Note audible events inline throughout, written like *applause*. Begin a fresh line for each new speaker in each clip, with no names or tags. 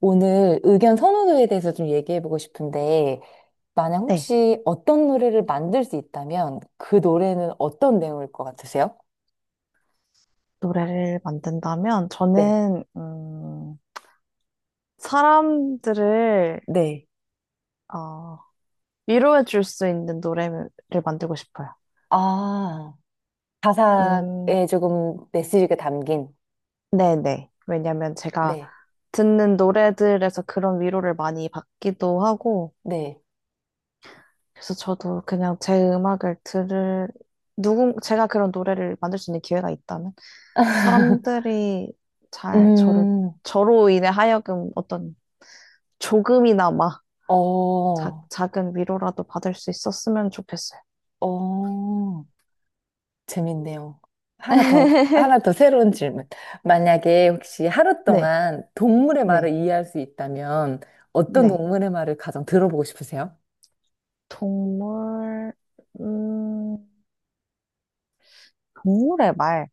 오늘 의견 선호도에 대해서 좀 얘기해보고 싶은데, 만약
네,
혹시 어떤 노래를 만들 수 있다면 그 노래는 어떤 내용일 것 같으세요?
노래를 만든다면
네.
저는 사람들을
네.
어, 위로해 줄 수 있는 노래를 만들고 싶어요.
아,
음,
가사에 조금 메시지가 담긴.
네네. 왜냐면 제가
네.
듣는 노래들에서 그런 위로를 많이 받기도 하고,
네.
그래서 저도 그냥 제 음악을 제가 그런 노래를 만들 수 있는 기회가 있다면,
*laughs*
사람들이 잘
음,
저로 인해 하여금 어떤 조금이나마
어,
작은 위로라도 받을 수 있었으면 좋겠어요.
어. 재밌네요. 하나 더 새로운 질문. 만약에 혹시 하루
네,
동안 동물의 말을
네,
이해할 수 있다면 어떤
네.
동물의 말을 가장 들어보고 싶으세요?
동물, 음, 동물의 말.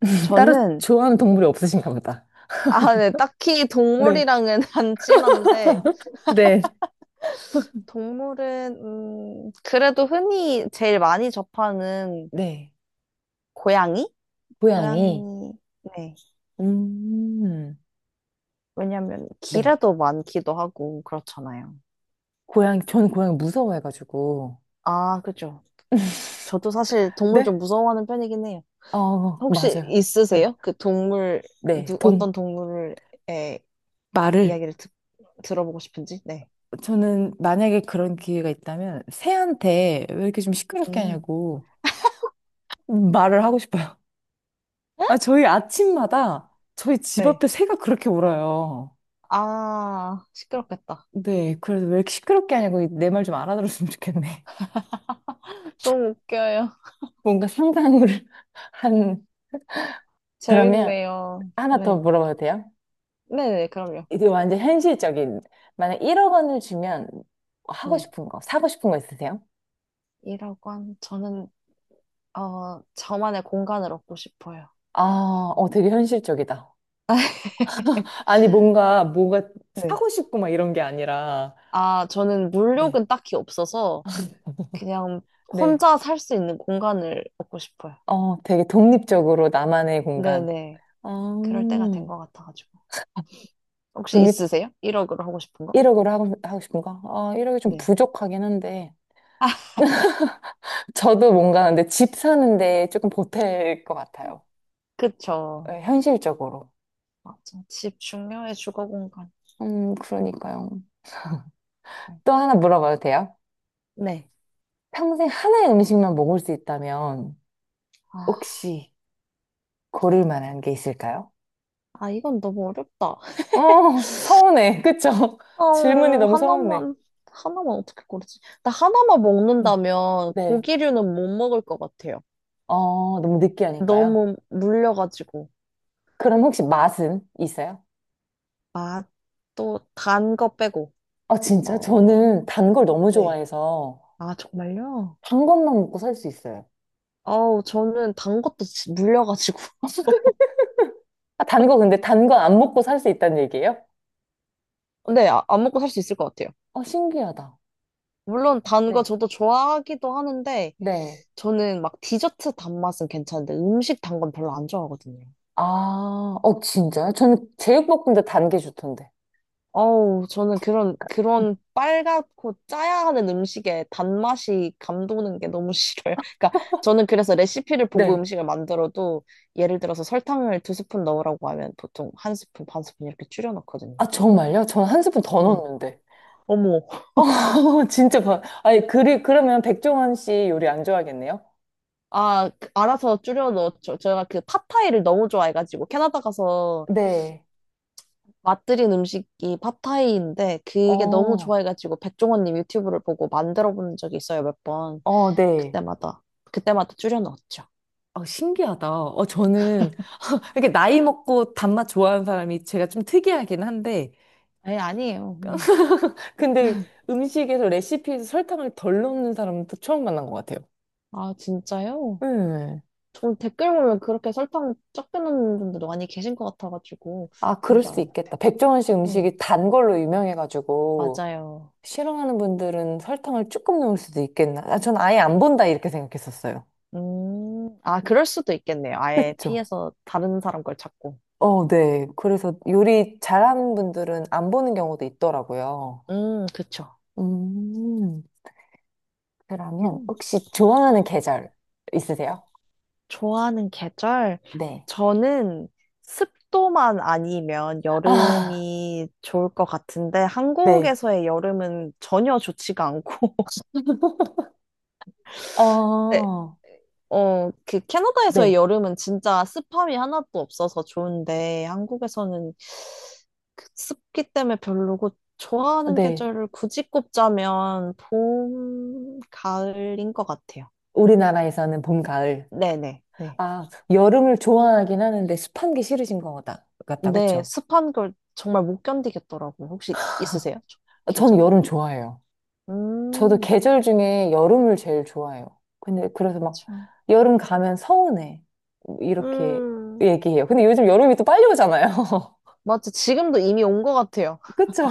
*laughs* 따로
저는,
좋아하는 동물이 없으신가 보다.
네, 딱히
네.
동물이랑은 *laughs* 안 친한데,
네.
동물은, 그래도 흔히 제일 많이 접하는
네.
고양이?
고양이.
고양이, 네.
음,
왜냐면,
네.
길에도 많기도 하고, 그렇잖아요.
고양이, 저는 고양이 무서워해가지고.
아, 그죠. 저도 사실 동물 좀
네?
무서워하는 편이긴 해요.
어,
혹시
맞아요. 네.
있으세요?
네, 동,
어떤 동물의
말을.
이야기를 들어보고 싶은지? 네.
저는 만약에 그런 기회가 있다면 새한테 왜 이렇게 좀 시끄럽게
음.
하냐고 말을 하고 싶어요. 아, 저희 아침마다 저희 집
네.
앞에 새가 그렇게 울어요.
아, 시끄럽겠다.
네, 그래서 왜 이렇게 시끄럽게 하냐고 내 말 좀 알아들었으면 좋겠네.
너무 웃겨요.
뭔가 상상을 *laughs* 한, 그러면
재밌네요.
하나 더
네.
물어봐도 돼요?
네네, 그럼요.
이게 뭐 완전 현실적인. 만약 1억 원을 주면 하고
네.
싶은 거, 사고 싶은 거 있으세요?
이라고 한, 저는, 어, 저만의 공간을 얻고 싶어요.
아, 어, 되게 현실적이다. 아니, 뭔가, 뭐가
네.
사고 싶고 막 이런 게 아니라,
아, 저는
네.
물욕은 딱히 없어서 그냥
네.
혼자 살 수 있는 공간을 얻고 싶어요.
어, 되게 독립적으로 나만의 공간.
네네.
아,
그럴 때가 된 것 같아가지고. 혹시
독립
있으세요? 1억으로 하고 싶은 거?
1억으로 하고 싶은가? 아, 1억이 좀
네.
부족하긴 한데. *laughs* 저도 뭔가 근데 집 사는데 조금 보탤 것 같아요.
그쵸.
예, 현실적으로.
맞아. 집 중요해, 주거 공간.
그러니까요. 또 하나 물어봐도 돼요?
네.
평생 하나의 음식만 먹을 수 있다면
아,
혹시 고를 만한 게 있을까요?
아, 이건 너무 어렵다.
어, 서운해. 그쵸? *laughs* 질문이
어,
너무 서운해.
하나만, 하나만 어떻게 고르지? 나 하나만
음.
먹는다면
네.
고기류는 못 먹을 것 같아요.
어, 너무 느끼하니까요.
너무 물려가지고.
그럼 혹시 맛은 있어요?
아, 또 단 거 빼고.
아, 진짜?
어,
저는 단 걸 너무
네.
좋아해서
아, 정말요?
단 것만 먹고 살 수 있어요.
어우, 저는 단 것도 물려가지고. *laughs*
*laughs* 아, 단 거, 근데 단 거 안 먹고 살 수 있다는 얘기예요?
네, 안 먹고 살 수 있을 것 같아요.
어, 신기하다.
물론 단 거
네.
저도 좋아하기도 하는데,
네.
저는 막 디저트 단맛은 괜찮은데 음식 단건 별로 안 좋아하거든요.
아, 어, 진짜요? 저는 제육볶음도 단 게 좋던데.
어우, 저는 그런 빨갛고 짜야 하는 음식에 단맛이 감도는 게 너무 싫어요. *laughs* 그러니까 저는 그래서 레시피를 보고
네.
음식을 만들어도 예를 들어서 설탕을 두 스푼 넣으라고 하면 보통 한 스푼, 반 스푼 이렇게 줄여 넣거든요.
아, 정말요? 저는 한 스푼 더
네.
넣었는데.
어머,
*laughs* 어, 진짜 봐. 아니, 그러면 백종원 씨 요리 안 좋아하겠네요?
알아서 줄여 넣었죠. 제가 그 팟타이를 너무 좋아해가지고 캐나다 가서
네.
맛들인 음식이 팟타이인데 그게 너무
어,
좋아해가지고 백종원님 유튜브를 보고 만들어 본 적이 있어요 몇 번.
어, 네.
그때마다 그때마다 줄여 넣었죠.
어, 신기하다. 어, 저는, 이렇게 나이 먹고 단맛 좋아하는 사람이 제가 좀 특이하긴 한데,
에 아니에요. 네.
근데 음식에서 레시피에서 설탕을 덜 넣는 사람은 또 처음 만난 것 같아요.
아 진짜요?
네.
전 댓글 보면 그렇게 설탕 적게 넣는 분들도 많이 계신 것 같아가지고
아,
그런
그럴
줄
수도 있겠다.
알았는데.
백종원 씨
음
음식이 단 걸로 유명해가지고,
맞아요.
싫어하는 분들은 설탕을 조금 넣을 수도 있겠나. 아, 전 아예 안 본다, 이렇게 생각했었어요.
그럴 수도 있겠네요. 아예
그쵸?
피해서 다른 사람 걸 찾고.
어, 네. 그래서 요리 잘하는 분들은 안 보는 경우도 있더라고요.
그쵸.
음, 그러면 혹시 좋아하는 계절 있으세요?
좋아하는 계절?
네.
저는 습도만 아니면
아,
여름이 좋을 것 같은데,
네.
한국에서의 여름은 전혀 좋지가 않고, *laughs* 네,
어,
그 캐나다에서의
네.
여름은 진짜 습함이 하나도 없어서 좋은데, 한국에서는 그 습기 때문에 별로고, 좋아하는
네.
계절을 굳이 꼽자면 봄, 가을인 것 같아요.
우리나라에서는 봄, 가을.
네네. 네.
아, 여름을 좋아하긴 하는데 습한 게 싫으신 것 같다,
네,
그쵸?
습한 걸 정말 못 견디겠더라고요. 혹시 있으세요?
전
계절?
여름 좋아해요. 저도
음,
계절 중에 여름을 제일 좋아해요. 근데 그래서 막
그쵸.
여름 가면 서운해. 이렇게
음,
얘기해요. 근데 요즘 여름이 또 빨리 오잖아요. *laughs*
맞지. 지금도 이미 온 것 같아요.
그쵸?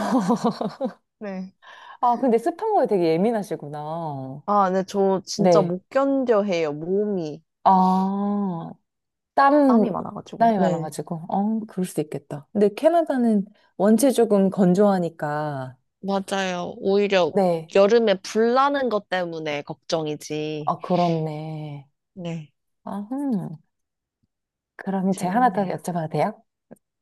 네.
*laughs* 아, 근데 습한 거에 되게 예민하시구나.
네, 저 진짜
네.
못 견뎌 해요. 몸이
아, 땀,
땀이 많아가지고.
땀이
네.
많아가지고. 어, 그럴 수도 있겠다. 근데 캐나다는 원체 조금 건조하니까
맞아요. 오히려,
네.
여름에 불 나는 것 때문에 걱정이지.
아, 그렇네.
네.
아, 흠 그러면 제가 하나 더
재밌네요.
여쭤봐도 돼요?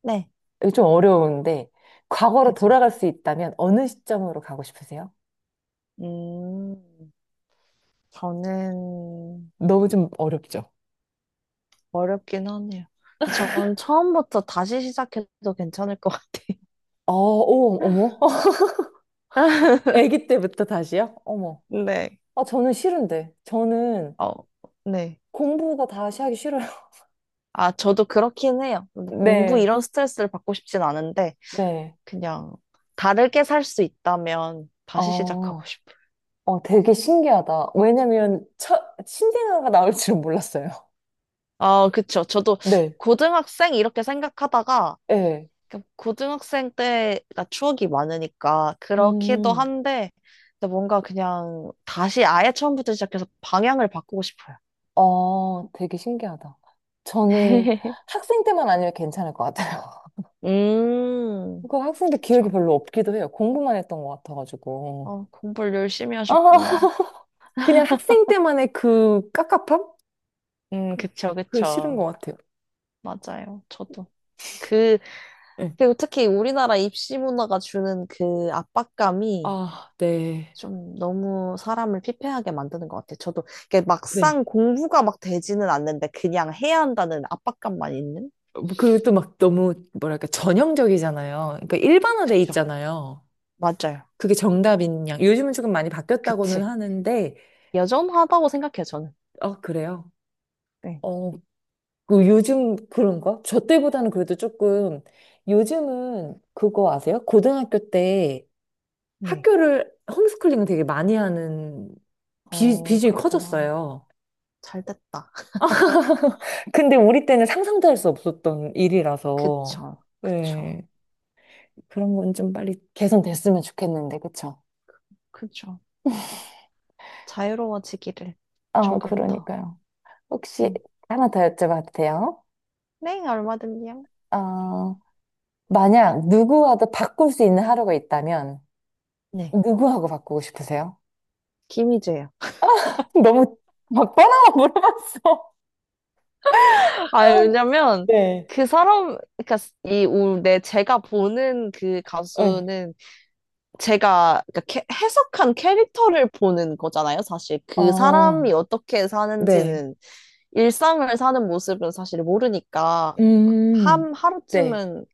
네,
이거 좀 어려운데, 과거로
괜찮아요.
돌아갈 수 있다면 어느 시점으로 가고 싶으세요?
음, 저는
너무 좀 어렵죠?
어렵긴 하네요. 전 처음부터 다시 시작해도 괜찮을 것 같아요.
어, 오, 어머.
*laughs*
*laughs* 아기 때부터 다시요? 어머.
네.
아, 저는 싫은데. 저는
어, 네.
공부가 다시 하기 싫어요.
아, 저도 그렇긴 해요. 뭐
*laughs*
공부
네.
이런 스트레스를 받고 싶진 않은데,
네.
그냥 다르게 살 수 있다면 다시 시작하고
어,
싶어요.
어, 되게 신기하다. 왜냐면, 신생아가 나올 줄은 몰랐어요.
아, 그쵸. 저도
*laughs* 네.
고등학생 이렇게 생각하다가,
예.
그러니까 고등학생 때가 추억이 많으니까, 그렇기도
음.
한데, 근데 뭔가 그냥 다시 아예 처음부터 시작해서 방향을 바꾸고 싶어요.
어, 되게 신기하다. 저는
*laughs*
학생 때만 아니면 괜찮을 것 같아요. *laughs*
음,
그 학생 때 기억이
그쵸.
별로 없기도 해요. 공부만 했던 것 같아가지고.
공부를 열심히
아,
하셨구나.
*laughs* 그냥 학생 때만의 그 깝깝함?
그쵸,
그게 싫은 것
그쵸.
같아요.
맞아요. 저도. 그,
네.
그리고 특히 우리나라 입시 문화가 주는 그 압박감이
아, 네.
좀 너무 사람을 피폐하게 만드는 것 같아요. 저도 이게 막상
네.
공부가 막 되지는 않는데 그냥 해야 한다는 압박감만 있는?
뭐 그리고 또 막 너무 뭐랄까 전형적이잖아요. 그러니까 일반화돼
그쵸.
있잖아요.
맞아요.
그게 정답인 양. 요즘은 조금 많이 바뀌었다고는
그치.
하는데,
여전하다고 생각해요, 저는.
어, 그래요.
네.
어, 그 요즘 그런가? 저 때보다는 그래도 조금 요즘은 그거 아세요? 고등학교 때
네.
학교를 홈스쿨링 되게 많이 하는 비, 비중이
그렇구나.
커졌어요.
잘 됐다.
*laughs* 근데 우리 때는 상상도 할 수 없었던 일이라서
그쵸. 그쵸.
네, 그런 건 좀 빨리 개선됐으면 좋겠는데 그쵸?
그쵸. 자유로워지기를
아
조금 더.
그러니까요. 혹시
네.
하나 더 여쭤봐도 돼요?
네, 얼마든지요.
어, 만약 누구와도 바꿀 수 있는 하루가 있다면
네.
누구하고 바꾸고 싶으세요?
김희재요.
너무 막 뻔한 거 물어봤어.
아,
*laughs*
왜냐면
네.
그 사람, 그러니까 이 우- 내 제가 보는 그
네.
가수는 제가 그러니까 해석한 캐릭터를 보는 거잖아요. 사실 그
어,
사람이 어떻게
네.
사는지는 일상을 사는 모습은 사실 모르니까
음,
한
네.
하루쯤은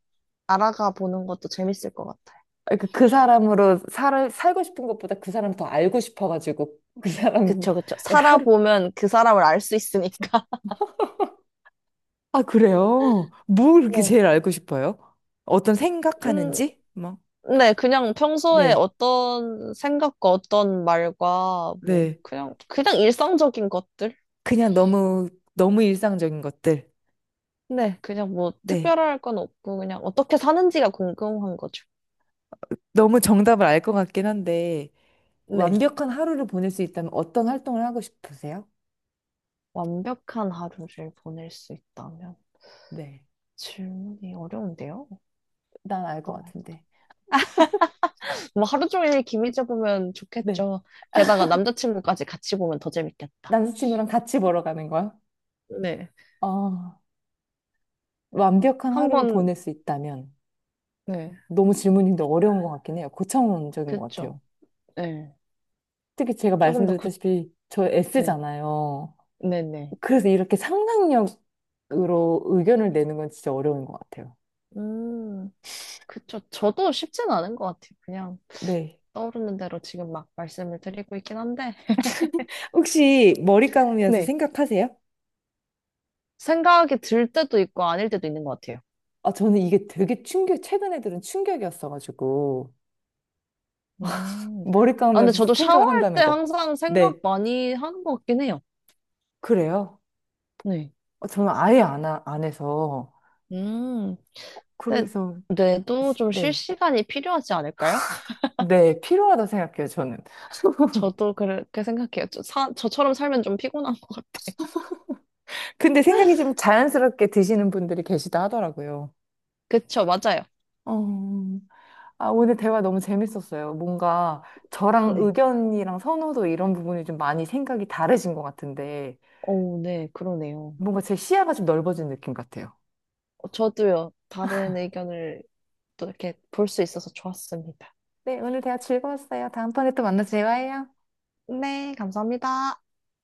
알아가 보는 것도 재밌을 것 같아요.
그러니까 그 사람으로 살고 싶은 것보다 그 사람 더 알고 싶어가지고, 그 사람의
그쵸, 그쵸.
하루.
살아보면 그 사람을 알 수 있으니까.
아, 그래요? 뭘
*laughs*
그렇게
네.
제일 알고 싶어요? 어떤
음,
생각하는지? 뭐.
네, 그냥 평소에
네.
어떤 생각과 어떤 말과 뭐
네.
그냥 일상적인 것들?
그냥 너무, 너무 일상적인 것들.
네, 그냥 뭐
네.
특별할 건 없고 그냥 어떻게 사는지가 궁금한 거죠.
너무 정답을 알 것 같긴 한데,
네.
완벽한 하루를 보낼 수 있다면 어떤 활동을 하고 싶으세요?
완벽한 하루를 보낼 수 있다면
네.
질문이 어려운데요.
난 알 것
어떤 할-
같은데.
뭐 하루 종일 김희재 보면
네.
좋겠죠. 게다가 남자친구까지 같이 보면 더 재밌겠다.
남자친구랑 같이 보러 가는 거야?
네.
아, 완벽한 하루를
한번
보낼 수 있다면
네.
너무 질문인데 어려운 것 같긴 해요. 고차원적인 것
그쵸.
같아요.
네.
특히 제가
조금 더 굳,
말씀드렸다시피 저
네.
S잖아요.
네네.
그래서 이렇게 상상력으로 의견을 내는 건 진짜 어려운 것 같아요.
음. 그쵸. 저도 쉽진 않은 것 같아요. 그냥
네.
떠오르는 대로 지금 막 말씀을 드리고 있긴 한데,
혹시 머리 감으면서
네.
생각하세요?
생각이 들 때도 있고 아닐 때도 있는 것 같아요.
아, 저는 이게 되게 충격, 최근에 들은 충격이었어가지고
음.
머리
근데
감으면서
저도
생각을
샤워할 때
한다는 거.
항상 생각
네.
많이 하는 것 같긴 해요.
그래요?
네.
어, 저는 아예 안 해서.
음. 근데
그래서,
뇌도 좀 쉴
네.
시간이 필요하지 않을까요?
네, 필요하다 생각해요, 저는.
저도 그렇게 생각해요. 저처럼 살면 좀 피곤한 것 같아. *laughs*
근데 생각이 좀 자연스럽게 드시는 분들이 계시다 하더라고요.
그쵸, 맞아요.
어, 아, 오늘 대화 너무 재밌었어요. 뭔가 저랑
네.
의견이랑 선호도 이런 부분이 좀 많이 생각이 다르신 것 같은데,
오, 네, 그러네요.
뭔가 제 시야가 좀 넓어진 느낌 같아요.
저도요, 다른 의견을 또 이렇게 볼 수 있어서 좋았습니다.
네, 오늘 대화 즐거웠어요. 다음번에 또 만나서 대화해요.
네, 감사합니다.